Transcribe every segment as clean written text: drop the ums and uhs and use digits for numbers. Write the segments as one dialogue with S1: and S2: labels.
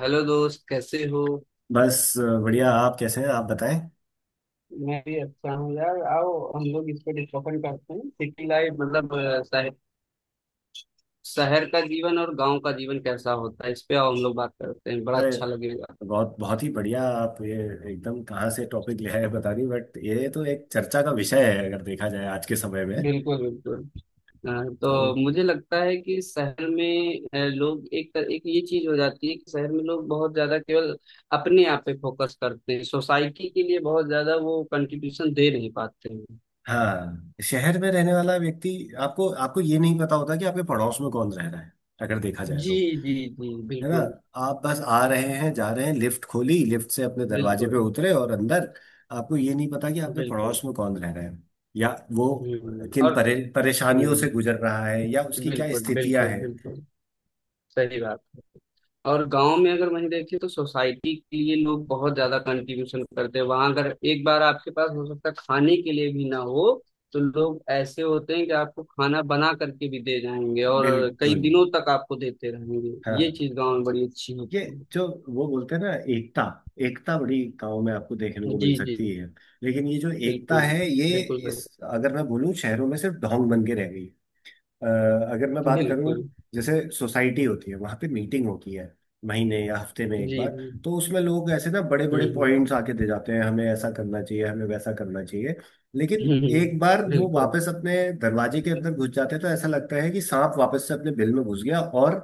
S1: Hello दोस्त कैसे हो।
S2: बस। बढ़िया। आप कैसे हैं आप बताएं।
S1: मैं भी अच्छा हूँ यार। आओ हम लोग इस पे डिस्कशन करते हैं सिटी लाइफ मतलब शहर शहर का जीवन और गांव का जीवन कैसा होता है इस पे आओ हम लोग बात करते हैं। बड़ा
S2: अरे,
S1: अच्छा लगेगा।
S2: बहुत बहुत ही बढ़िया। आप ये एकदम कहाँ से टॉपिक ले आए बता दी, बट ये तो एक चर्चा का विषय है अगर देखा जाए आज के समय में।
S1: बिल्कुल बिल्कुल। हाँ,
S2: तो
S1: तो मुझे लगता है कि शहर में लोग एक ये चीज हो जाती है कि शहर में लोग बहुत ज्यादा केवल अपने आप पे फोकस करते हैं, सोसाइटी के लिए बहुत ज्यादा वो कंट्रीब्यूशन दे नहीं पाते हैं।
S2: हाँ, शहर में रहने वाला व्यक्ति, आपको आपको ये नहीं पता होता कि आपके पड़ोस में कौन रह रहा है अगर देखा जाए
S1: जी
S2: तो,
S1: जी। जी
S2: है ना।
S1: बिल्कुल।
S2: आप बस आ रहे हैं, जा रहे हैं, लिफ्ट खोली, लिफ्ट से अपने दरवाजे पे
S1: बिल्कुल
S2: उतरे और अंदर। आपको ये नहीं पता कि आपके पड़ोस
S1: बिल्कुल।
S2: में कौन रह रहा है, या वो
S1: और।
S2: परेशानियों से गुजर
S1: हम्म।
S2: रहा है, या उसकी क्या
S1: बिल्कुल
S2: स्थितियां
S1: बिल्कुल
S2: हैं।
S1: बिल्कुल। सही बात है। और गांव में अगर वहीं देखें तो सोसाइटी के लिए लोग बहुत ज्यादा कंट्रीब्यूशन करते हैं। वहां अगर एक बार आपके पास हो सकता है खाने के लिए भी ना हो तो लोग ऐसे होते हैं कि आपको खाना बना करके भी दे जाएंगे, और कई
S2: बिल्कुल।
S1: दिनों तक आपको देते रहेंगे। ये
S2: हाँ,
S1: चीज गांव में बड़ी अच्छी
S2: ये
S1: होती
S2: जो वो बोलते हैं ना, एकता। एकता बड़ी गाँव में आपको देखने
S1: है।
S2: को मिल
S1: जी जी।
S2: सकती है। लेकिन ये जो एकता
S1: बिल्कुल।
S2: है ये,
S1: बिल्कुल सर।
S2: इस अगर मैं बोलूँ शहरों में सिर्फ ढोंग बन के रह गई है। अ, अगर मैं बात करूं,
S1: बिल्कुल।
S2: जैसे सोसाइटी होती है, वहां पे मीटिंग होती है महीने या हफ्ते में एक
S1: जी
S2: बार।
S1: जी।
S2: तो उसमें लोग ऐसे ना बड़े बड़े पॉइंट्स
S1: हम्म।
S2: आके दे जाते हैं, हमें ऐसा करना चाहिए, हमें वैसा करना चाहिए। लेकिन
S1: हम्म,
S2: एक बार वो
S1: बिल्कुल।
S2: वापस अपने दरवाजे के अंदर घुस जाते हैं तो ऐसा लगता है कि सांप वापस से अपने बिल में घुस गया, और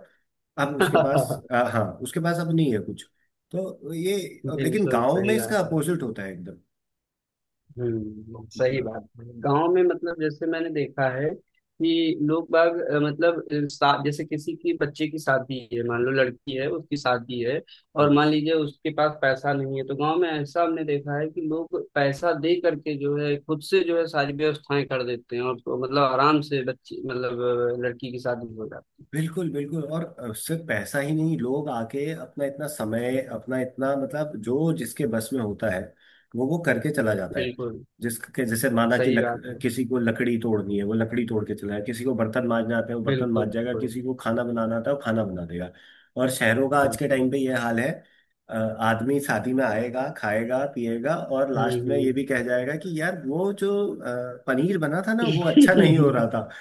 S2: अब उसके पास, हाँ, उसके पास अब नहीं है कुछ। तो ये, लेकिन
S1: बिल्कुल
S2: गाँव में
S1: सही
S2: इसका
S1: बात है।
S2: अपोजिट होता है।
S1: हम्म, सही बात है। गांव में मतलब जैसे मैंने देखा है कि लोग बाग मतलब जैसे किसी की बच्चे की शादी है, मान लो लड़की है उसकी शादी है और
S2: एकदम।
S1: मान लीजिए उसके पास पैसा नहीं है। तो गांव में ऐसा हमने देखा है कि लोग पैसा दे करके जो है खुद से जो है सारी व्यवस्थाएं कर देते हैं, और तो मतलब आराम से बच्चे मतलब लड़की की शादी हो जाती
S2: बिल्कुल बिल्कुल। और सिर्फ पैसा ही नहीं, लोग आके अपना इतना समय, अपना इतना, मतलब जो जिसके बस में होता है वो करके चला
S1: है।
S2: जाता है।
S1: बिल्कुल
S2: जिसके जैसे, माना कि
S1: सही बात है।
S2: किसी को लकड़ी तोड़नी है वो लकड़ी तोड़ के चला जाए, किसी को बर्तन मांजना आता है वो बर्तन मांज
S1: बिल्कुल
S2: जाएगा,
S1: बिल्कुल
S2: किसी को खाना बनाना आता है वो खाना बना देगा। और शहरों का आज के
S1: बिल्कुल।
S2: टाइम पे ये हाल है। अ, आदमी शादी में आएगा, खाएगा, पिएगा और लास्ट में ये भी
S1: हम्म।
S2: कह जाएगा कि यार वो जो पनीर बना था ना वो अच्छा नहीं हो रहा था।
S1: बिल्कुल।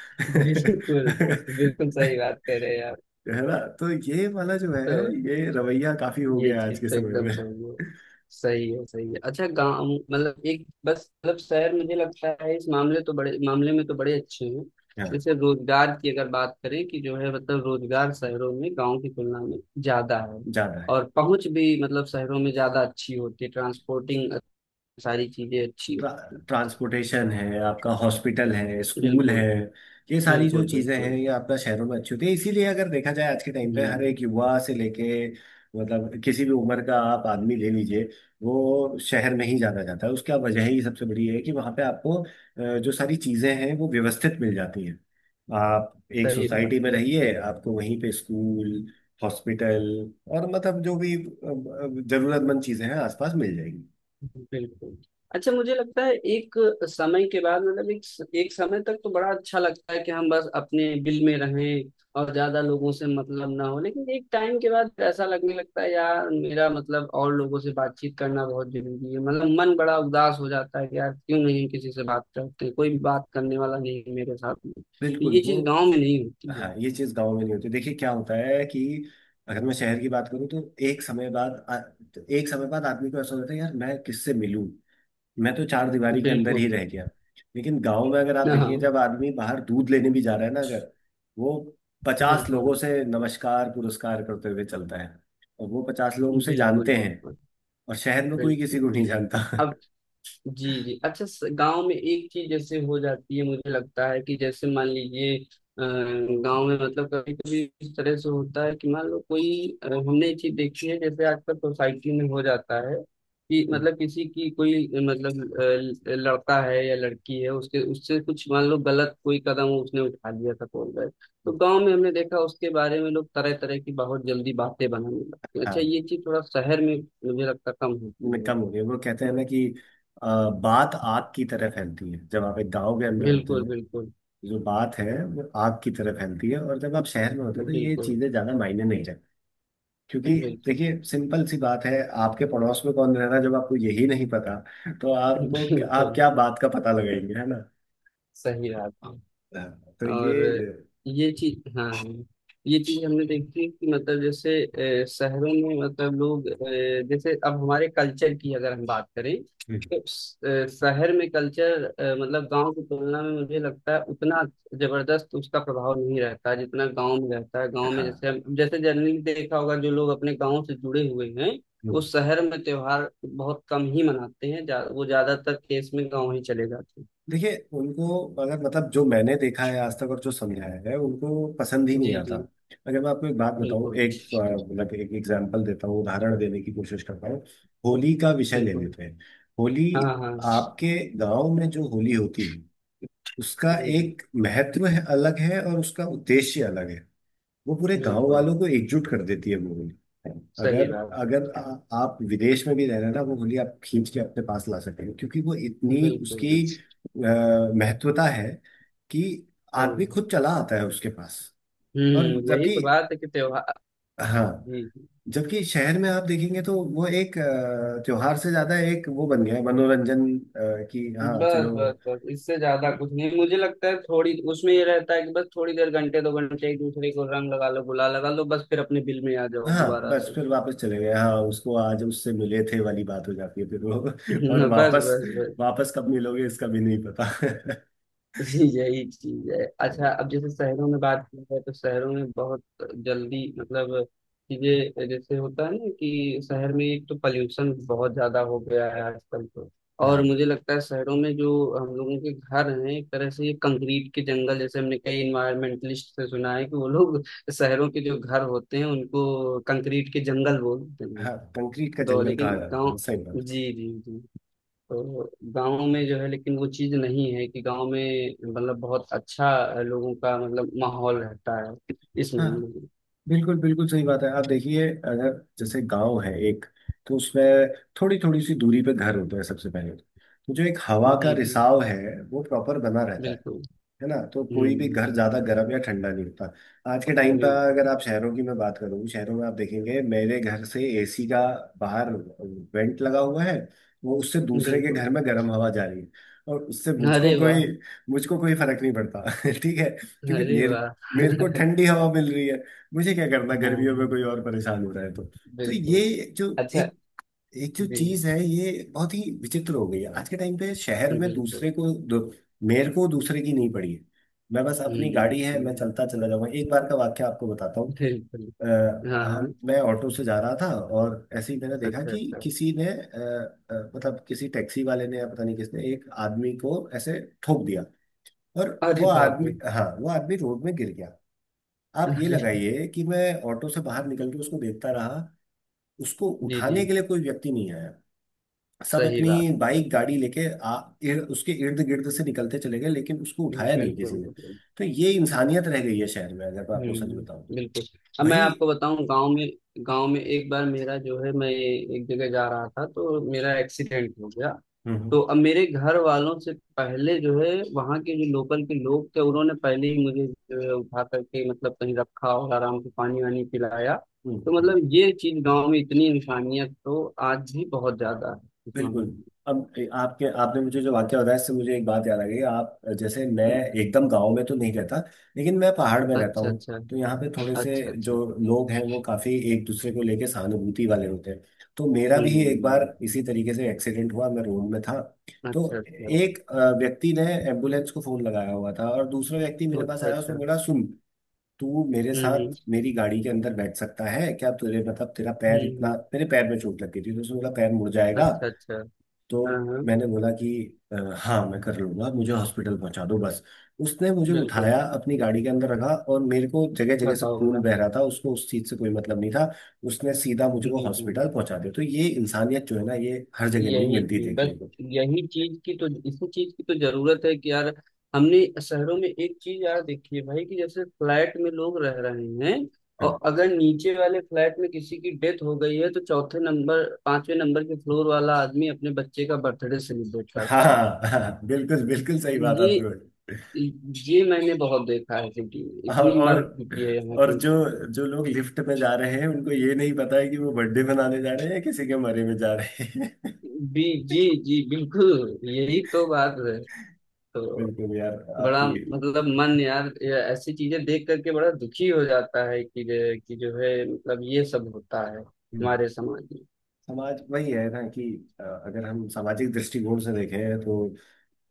S1: बिल्कुल सही बात कह रहे हैं आप।
S2: है ना, तो ये वाला जो
S1: तो
S2: है, ये रवैया काफी हो
S1: ये
S2: गया आज
S1: चीज
S2: के
S1: तो
S2: समय
S1: एकदम
S2: में।
S1: सही है। सही है, सही है। अच्छा गांव मतलब एक बस मतलब शहर मुझे लगता है इस मामले तो बड़े मामले में तो बड़े अच्छे हैं।
S2: हाँ,
S1: जैसे रोजगार की अगर बात करें कि जो है मतलब रोजगार शहरों में गांव की तुलना में ज्यादा है।
S2: ज्यादा है।
S1: और पहुंच भी मतलब शहरों में ज्यादा अच्छी होती है। ट्रांसपोर्टिंग सारी चीजें अच्छी
S2: ट्रा,
S1: होती हैं।
S2: ट्रांसपोर्टेशन है, आपका हॉस्पिटल है, स्कूल है।
S1: बिल्कुल
S2: ये सारी जो
S1: बिल्कुल
S2: चीज़ें हैं
S1: बिल्कुल।
S2: ये आपका शहरों में अच्छी होती है, इसीलिए अगर देखा जाए आज के टाइम पे हर
S1: हम्म।
S2: एक युवा से लेके मतलब किसी भी उम्र का आप आदमी ले लीजिए, वो शहर में ही जाना चाहता है। उसका वजह ही सबसे बड़ी है कि वहाँ पे आपको जो सारी चीज़ें हैं वो व्यवस्थित मिल जाती हैं। आप एक
S1: सही बात
S2: सोसाइटी में
S1: है।
S2: रहिए, आपको वहीं पे स्कूल, हॉस्पिटल और मतलब जो भी जरूरतमंद चीज़ें हैं आसपास मिल जाएंगी।
S1: बिल्कुल। अच्छा मुझे लगता है एक समय के बाद मतलब एक एक समय तक तो बड़ा अच्छा लगता है कि हम बस अपने बिल में रहें और ज्यादा लोगों से मतलब ना हो। लेकिन एक टाइम के बाद ऐसा लगने लगता है यार मेरा मतलब और लोगों से बातचीत करना बहुत जरूरी है। मतलब मन बड़ा उदास हो जाता है कि यार क्यों नहीं किसी से बात करते, कोई भी बात करने वाला नहीं है मेरे साथ में। तो
S2: बिल्कुल
S1: ये
S2: वो,
S1: चीज गाँव में नहीं होती है।
S2: हाँ, ये चीज गांव में नहीं होती। देखिए क्या होता है कि अगर मैं शहर की बात करूँ तो एक समय बाद आ- तो एक समय बाद आदमी को ऐसा होता है यार मैं किससे मिलूं, मैं तो चार दीवारी के अंदर
S1: बिल्कुल।
S2: ही रह गया। लेकिन गांव में अगर आप देखेंगे,
S1: हाँ,
S2: जब आदमी बाहर दूध लेने भी जा रहा है ना, अगर वो 50 लोगों
S1: बिल्कुल
S2: से नमस्कार पुरस्कार करते हुए चलता है, और वो 50 लोग उसे
S1: बिल्कुल।
S2: जानते हैं।
S1: बिल्कुल
S2: और शहर में कोई किसी
S1: बिल्कुल।
S2: को नहीं जानता।
S1: अब जी जी अच्छा। गांव में एक चीज जैसे हो जाती है मुझे लगता है कि जैसे मान लीजिए गांव में मतलब कभी कभी इस तरह से होता है कि मान लो कोई हमने ये चीज देखी है जैसे आजकल सोसाइटी में हो जाता है कि मतलब किसी की कोई मतलब लड़का है या लड़की है उसके उससे कुछ मान लो गलत कोई कदम उसने उठा लिया था बोल रहे। तो गांव में हमने देखा उसके बारे में लोग तरह तरह की बहुत जल्दी बातें बनाने लगते हैं। अच्छा
S2: हाँ।
S1: ये चीज थोड़ा शहर में मुझे लगता कम होती है।
S2: कम हो गया। वो कहते हैं ना कि अ, बात आग की तरह फैलती है जब आप एक गांव के अंदर होते
S1: बिल्कुल
S2: हैं।
S1: बिल्कुल
S2: जो बात है वो आग की तरह फैलती है, और जब आप शहर में होते हैं तो ये
S1: बिल्कुल
S2: चीजें ज्यादा मायने नहीं रखती, क्योंकि
S1: बिल्कुल
S2: देखिए
S1: बिल्कुल।
S2: सिंपल सी बात है, आपके पड़ोस में कौन रह रहा है जब आपको यही नहीं पता तो आपको, आप
S1: बिल्कुल।
S2: क्या बात का पता लगाएंगे, है ना।
S1: सही रास्ता।
S2: हाँ, तो ये।
S1: और ये चीज हाँ हाँ, ये चीज हमने देखी कि मतलब जैसे शहरों में मतलब लोग जैसे अब हमारे कल्चर की अगर हम बात करें
S2: हम्म,
S1: तो शहर में कल्चर मतलब गांव की तुलना में मुझे लगता है उतना जबरदस्त उसका प्रभाव नहीं रहता जितना गांव में रहता है। गांव में जैसे
S2: हाँ।
S1: हम जैसे जनरली देखा होगा जो लोग अपने गांव से जुड़े हुए हैं वो
S2: हम्म।
S1: शहर में त्योहार बहुत कम ही मनाते हैं। वो ज्यादातर केस में गांव ही चले जाते हैं।
S2: देखिए उनको, अगर मतलब जो मैंने देखा है आज तक और जो समझाया है उनको पसंद ही नहीं
S1: जी
S2: आता।
S1: जी।
S2: अगर मैं आपको एक बात बताऊं,
S1: बिल्कुल
S2: एक मतलब एक एग्जांपल देता हूँ, उदाहरण देने की कोशिश करता हूँ। होली का विषय ले
S1: बिल्कुल।
S2: लेते हैं। होली,
S1: हाँ हाँ। जी
S2: आपके गांव में जो होली होती है उसका
S1: जी।
S2: एक महत्व है, अलग है, और उसका उद्देश्य अलग है। वो पूरे गांव
S1: बिल्कुल
S2: वालों को एकजुट कर देती है वो होली।
S1: सही
S2: अगर
S1: बात।
S2: अगर आप विदेश में भी रह रहे हैं ना, वो होली आप खींच के अपने पास ला सकते हैं, क्योंकि वो इतनी,
S1: बिल्कुल
S2: उसकी
S1: बिल्कुल
S2: महत्वता है कि
S1: सही
S2: आदमी
S1: बात।
S2: खुद चला आता है उसके पास। और
S1: हम्म, यही
S2: जबकि,
S1: तो बात है कि त्योहार।
S2: हाँ,
S1: जी जी।
S2: जबकि शहर में आप देखेंगे तो वो एक त्योहार से ज्यादा एक वो बन गया है मनोरंजन, कि हाँ चलो।
S1: बस बस बस। इससे ज्यादा कुछ नहीं मुझे लगता है। थोड़ी उसमें ये रहता है कि बस थोड़ी देर घंटे दो घंटे एक दूसरे को रंग लगा लो गुलाल लगा लो बस फिर अपने बिल में आ जाओ
S2: हाँ,
S1: दोबारा
S2: बस
S1: से।
S2: फिर वापस चले गए। हाँ, उसको आज उससे मिले थे वाली बात हो जाती है फिर वो। और
S1: बस
S2: वापस,
S1: बस बस।
S2: वापस कब मिलोगे इसका भी नहीं पता।
S1: जी, यही चीज है।
S2: तो,
S1: अच्छा अब जैसे शहरों में बात की जाए तो शहरों में बहुत जल्दी मतलब चीजें जैसे होता है ना कि शहर में एक तो पॉल्यूशन बहुत ज्यादा हो गया है आजकल। तो और
S2: हाँ
S1: मुझे लगता है शहरों में जो हम लोगों के घर हैं एक तरह से ये कंक्रीट के जंगल, जैसे हमने कई इन्वायरमेंटलिस्ट से सुना है कि वो लोग शहरों के जो घर होते हैं उनको कंक्रीट के जंगल बोलते हैं।
S2: हाँ, कंक्रीट का
S1: तो
S2: जंगल
S1: लेकिन
S2: कहा जाता है।
S1: गाँव।
S2: हाँ, सही बात।
S1: जी जी जी। तो गांव में जो है लेकिन वो चीज नहीं है, कि गांव में मतलब बहुत अच्छा लोगों का मतलब माहौल रहता है इस
S2: हाँ,
S1: मामले में।
S2: बिल्कुल बिल्कुल सही बात है। आप देखिए, अगर जैसे गांव है एक, तो उसमें थोड़ी थोड़ी सी दूरी पे घर होते हैं, सबसे पहले तो जो एक हवा का
S1: जी जी।
S2: रिसाव है वो प्रॉपर बना रहता है।
S1: बिल्कुल।
S2: है ना, तो कोई भी घर ज्यादा
S1: हम्म।
S2: गर्म या ठंडा नहीं होता। आज के टाइम पर
S1: बिल्कुल
S2: अगर आप शहरों की मैं बात करूँ, शहरों में आप देखेंगे मेरे घर से एसी का बाहर वेंट लगा हुआ है, वो उससे दूसरे के
S1: बिल्कुल।
S2: घर में गर्म हवा जा रही है, और उससे
S1: अरे वाह।
S2: मुझको कोई फर्क नहीं पड़ता। ठीक है, क्योंकि
S1: अरे
S2: मेरे
S1: वाह।
S2: मेरे को ठंडी हवा मिल रही है। मुझे क्या करना,
S1: हाँ
S2: गर्मियों में
S1: हाँ,
S2: कोई और परेशान हो रहा है तो। तो
S1: बिल्कुल।
S2: ये जो
S1: अच्छा।
S2: एक, जो
S1: जी।
S2: चीज है ये बहुत ही विचित्र हो गई है आज के टाइम पे शहर में।
S1: बिल्कुल।
S2: मेरे को दूसरे की नहीं पड़ी है। मैं बस, अपनी
S1: हम्म
S2: गाड़ी है मैं
S1: हम्म,
S2: चलता चला जाऊंगा। एक बार का वाक्य आपको बताता हूँ।
S1: बिल्कुल।
S2: अ,
S1: हाँ
S2: हम
S1: हाँ।
S2: मैं ऑटो से जा रहा था, और ऐसे ही मैंने देखा
S1: अच्छा
S2: कि
S1: अच्छा।
S2: किसी ने मतलब किसी टैक्सी वाले ने या पता नहीं किसने एक आदमी को ऐसे ठोक दिया। और
S1: अरे
S2: वो
S1: बाप
S2: आदमी
S1: रे।
S2: हाँ, वो आदमी रोड में गिर गया। आप ये
S1: अरे।
S2: लगाइए कि मैं ऑटो से बाहर निकल के उसको देखता रहा, उसको
S1: जी जी।
S2: उठाने के लिए कोई व्यक्ति नहीं आया। सब
S1: सही
S2: अपनी
S1: बात।
S2: बाइक गाड़ी लेके उसके इर्द गिर्द से निकलते चले गए, लेकिन उसको उठाया नहीं
S1: बिल्कुल
S2: किसी ने।
S1: बिल्कुल।
S2: तो ये इंसानियत रह गई है शहर में, अगर मैं आपको
S1: हम्म,
S2: सच बताऊं।
S1: बिल्कुल। अब मैं
S2: वही।
S1: आपको बताऊं गांव में। गांव में एक बार मेरा जो है मैं एक जगह जा रहा था तो मेरा एक्सीडेंट हो गया।
S2: हम्म
S1: तो अब मेरे घर वालों से पहले जो है वहाँ के जो लोकल के लोग थे उन्होंने पहले ही मुझे जो है उठा करके मतलब कहीं रखा और आराम से पानी वानी पिलाया।
S2: हम्म
S1: तो
S2: हम्म,
S1: मतलब ये चीज गांव में इतनी इंसानियत तो आज भी बहुत ज्यादा है इस मामले
S2: बिल्कुल।
S1: में।
S2: अब आपके आपने मुझे जो वाक्य बताया इससे मुझे एक बात याद आ गई। आप, जैसे मैं
S1: हम्म,
S2: एकदम गांव में तो नहीं रहता, लेकिन मैं पहाड़ में रहता
S1: अच्छा
S2: हूँ।
S1: अच्छा।
S2: तो यहाँ पे थोड़े से
S1: अच्छा
S2: जो
S1: अच्छा।
S2: लोग हैं वो काफी एक दूसरे को लेके सहानुभूति वाले होते हैं। तो मेरा भी एक बार
S1: हम्म।
S2: इसी तरीके से एक्सीडेंट हुआ, मैं रोड में था। तो
S1: अच्छा अच्छा।
S2: एक व्यक्ति ने एम्बुलेंस को फोन लगाया हुआ था, और दूसरा व्यक्ति मेरे पास
S1: अच्छा
S2: आया, उसने
S1: अच्छा।
S2: बोला सुन, तू मेरे साथ
S1: हम्म।
S2: मेरी गाड़ी के अंदर बैठ सकता है क्या, तुझे मतलब तेरा
S1: हम्म
S2: पैर इतना,
S1: हम्म।
S2: मेरे पैर में चोट लग गई थी तो उसने बोला पैर मुड़ जाएगा।
S1: अच्छा अच्छा।
S2: तो
S1: हाँ हाँ।
S2: मैंने बोला कि हाँ, मैं कर लूंगा, मुझे हॉस्पिटल पहुंचा दो बस।" उसने मुझे उठाया,
S1: बिल्कुल।
S2: अपनी गाड़ी के अंदर रखा और मेरे को जगह जगह से
S1: बताओ
S2: खून
S1: भला।
S2: बह रहा था, उसको उस चीज से कोई मतलब नहीं था। उसने सीधा
S1: जी
S2: मुझको
S1: जी।
S2: हॉस्पिटल पहुंचा दिया। तो ये इंसानियत जो है ना, ये हर जगह नहीं
S1: यही
S2: मिलती
S1: चीज बस।
S2: देखने को।
S1: यही चीज की तो इसी चीज की तो जरूरत है कि यार हमने शहरों में एक चीज यार देखी है भाई कि जैसे फ्लैट में लोग रह रहे हैं, और
S2: हाँ
S1: अगर नीचे वाले फ्लैट में किसी की डेथ हो गई है तो चौथे नंबर पांचवें नंबर के फ्लोर वाला आदमी अपने बच्चे का बर्थडे सेलिब्रेट
S2: हाँ
S1: करता है।
S2: हाँ, बिल्कुल बिल्कुल सही बात
S1: ये
S2: आपने बोली।
S1: ये मैंने बहुत देखा है सिटी में।
S2: और
S1: इतनी
S2: और
S1: मर चुकी है यहाँ
S2: और
S1: की।
S2: जो जो लोग लिफ्ट में जा रहे हैं उनको ये नहीं पता है कि वो बर्थडे मनाने जा रहे हैं या किसी के मरे में जा रहे हैं।
S1: जी जी। जी बिल्कुल। यही तो बात है। तो
S2: बिल्कुल यार
S1: बड़ा
S2: आपकी।
S1: मतलब मन यार ये ऐसी चीजें देख करके बड़ा दुखी हो जाता है कि कि जो है मतलब ये सब होता है
S2: हम्म।
S1: हमारे समाज में।
S2: समाज वही है ना, कि अगर हम सामाजिक दृष्टिकोण से देखें तो,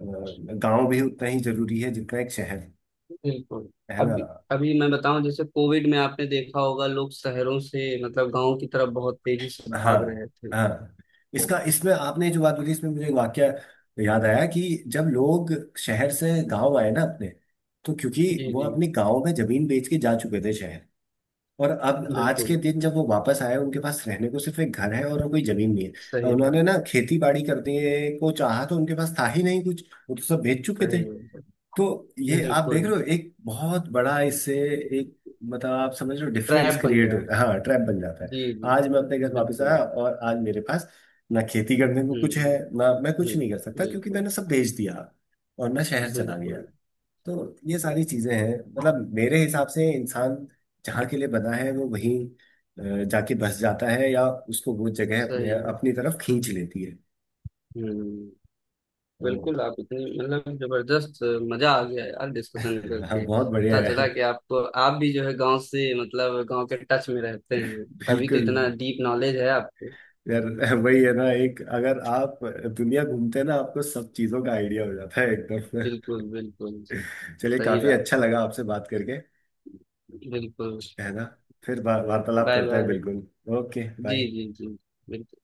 S2: अ, गांव भी उतना ही जरूरी है जितना एक शहर,
S1: बिल्कुल।
S2: है ना।
S1: अभी अभी मैं बताऊं जैसे कोविड में आपने देखा होगा लोग शहरों से मतलब गांव की तरफ बहुत तेजी से
S2: हाँ
S1: भाग रहे थे।
S2: हाँ। इसका इसमें आपने जो बात बोली, इसमें मुझे एक वाक्य याद आया कि जब लोग शहर से गांव आए ना अपने, तो क्योंकि
S1: जी
S2: वो
S1: जी।
S2: अपने गांव में जमीन बेच के जा चुके थे शहर। और अब आज के
S1: बिल्कुल
S2: दिन जब वो वापस आए, उनके पास रहने को सिर्फ एक घर है और कोई जमीन नहीं है। और
S1: सही बात।
S2: उन्होंने ना खेती बाड़ी करने को चाहा तो उनके पास था ही नहीं कुछ, वो तो सब बेच चुके थे।
S1: सही है।
S2: तो ये आप देख
S1: बिल्कुल।
S2: रहे हो एक बहुत बड़ा इससे, एक, मतलब आप समझ रहे हो डिफरेंस
S1: ट्रैप बन
S2: क्रिएट हो,
S1: गया है।
S2: हाँ ट्रैप बन जाता है।
S1: जी जी।
S2: आज मैं अपने घर वापस
S1: बिल्कुल।
S2: आया और आज मेरे पास ना खेती करने को कुछ है,
S1: हम्म
S2: ना मैं कुछ
S1: हम्म।
S2: नहीं कर सकता क्योंकि
S1: बिल्कुल
S2: मैंने सब बेच दिया और मैं शहर चला गया।
S1: बिल्कुल।
S2: तो ये सारी चीजें हैं, मतलब मेरे हिसाब से इंसान जहाँ के लिए बना है वो वहीं जाके बस जाता है, या उसको वो जगह
S1: सही
S2: अपने
S1: है।
S2: अपनी तरफ खींच लेती है।
S1: हम्म।
S2: तो,
S1: बिल्कुल। आप इतने मतलब जबरदस्त मजा आ गया यार डिस्कशन
S2: हाँ,
S1: करके।
S2: बहुत बढ़िया
S1: पता चला
S2: है।
S1: कि आपको आप भी जो है गांव से मतलब गांव के टच में रहते हैं तभी तो
S2: बिल्कुल
S1: इतना डीप नॉलेज है आपको।
S2: यार। वही है ना, एक अगर आप दुनिया घूमते हैं ना, आपको सब चीजों का आइडिया हो जाता है एकदम।
S1: बिल्कुल बिल्कुल।
S2: चलिए,
S1: सही
S2: काफी
S1: बात
S2: अच्छा
S1: है।
S2: लगा आपसे बात करके,
S1: बिल्कुल।
S2: है ना। फिर वार्तालाप
S1: बाय
S2: करते हैं,
S1: बाय।
S2: बिल्कुल। ओके,
S1: जी
S2: बाय।
S1: जी जी। बिल्कुल।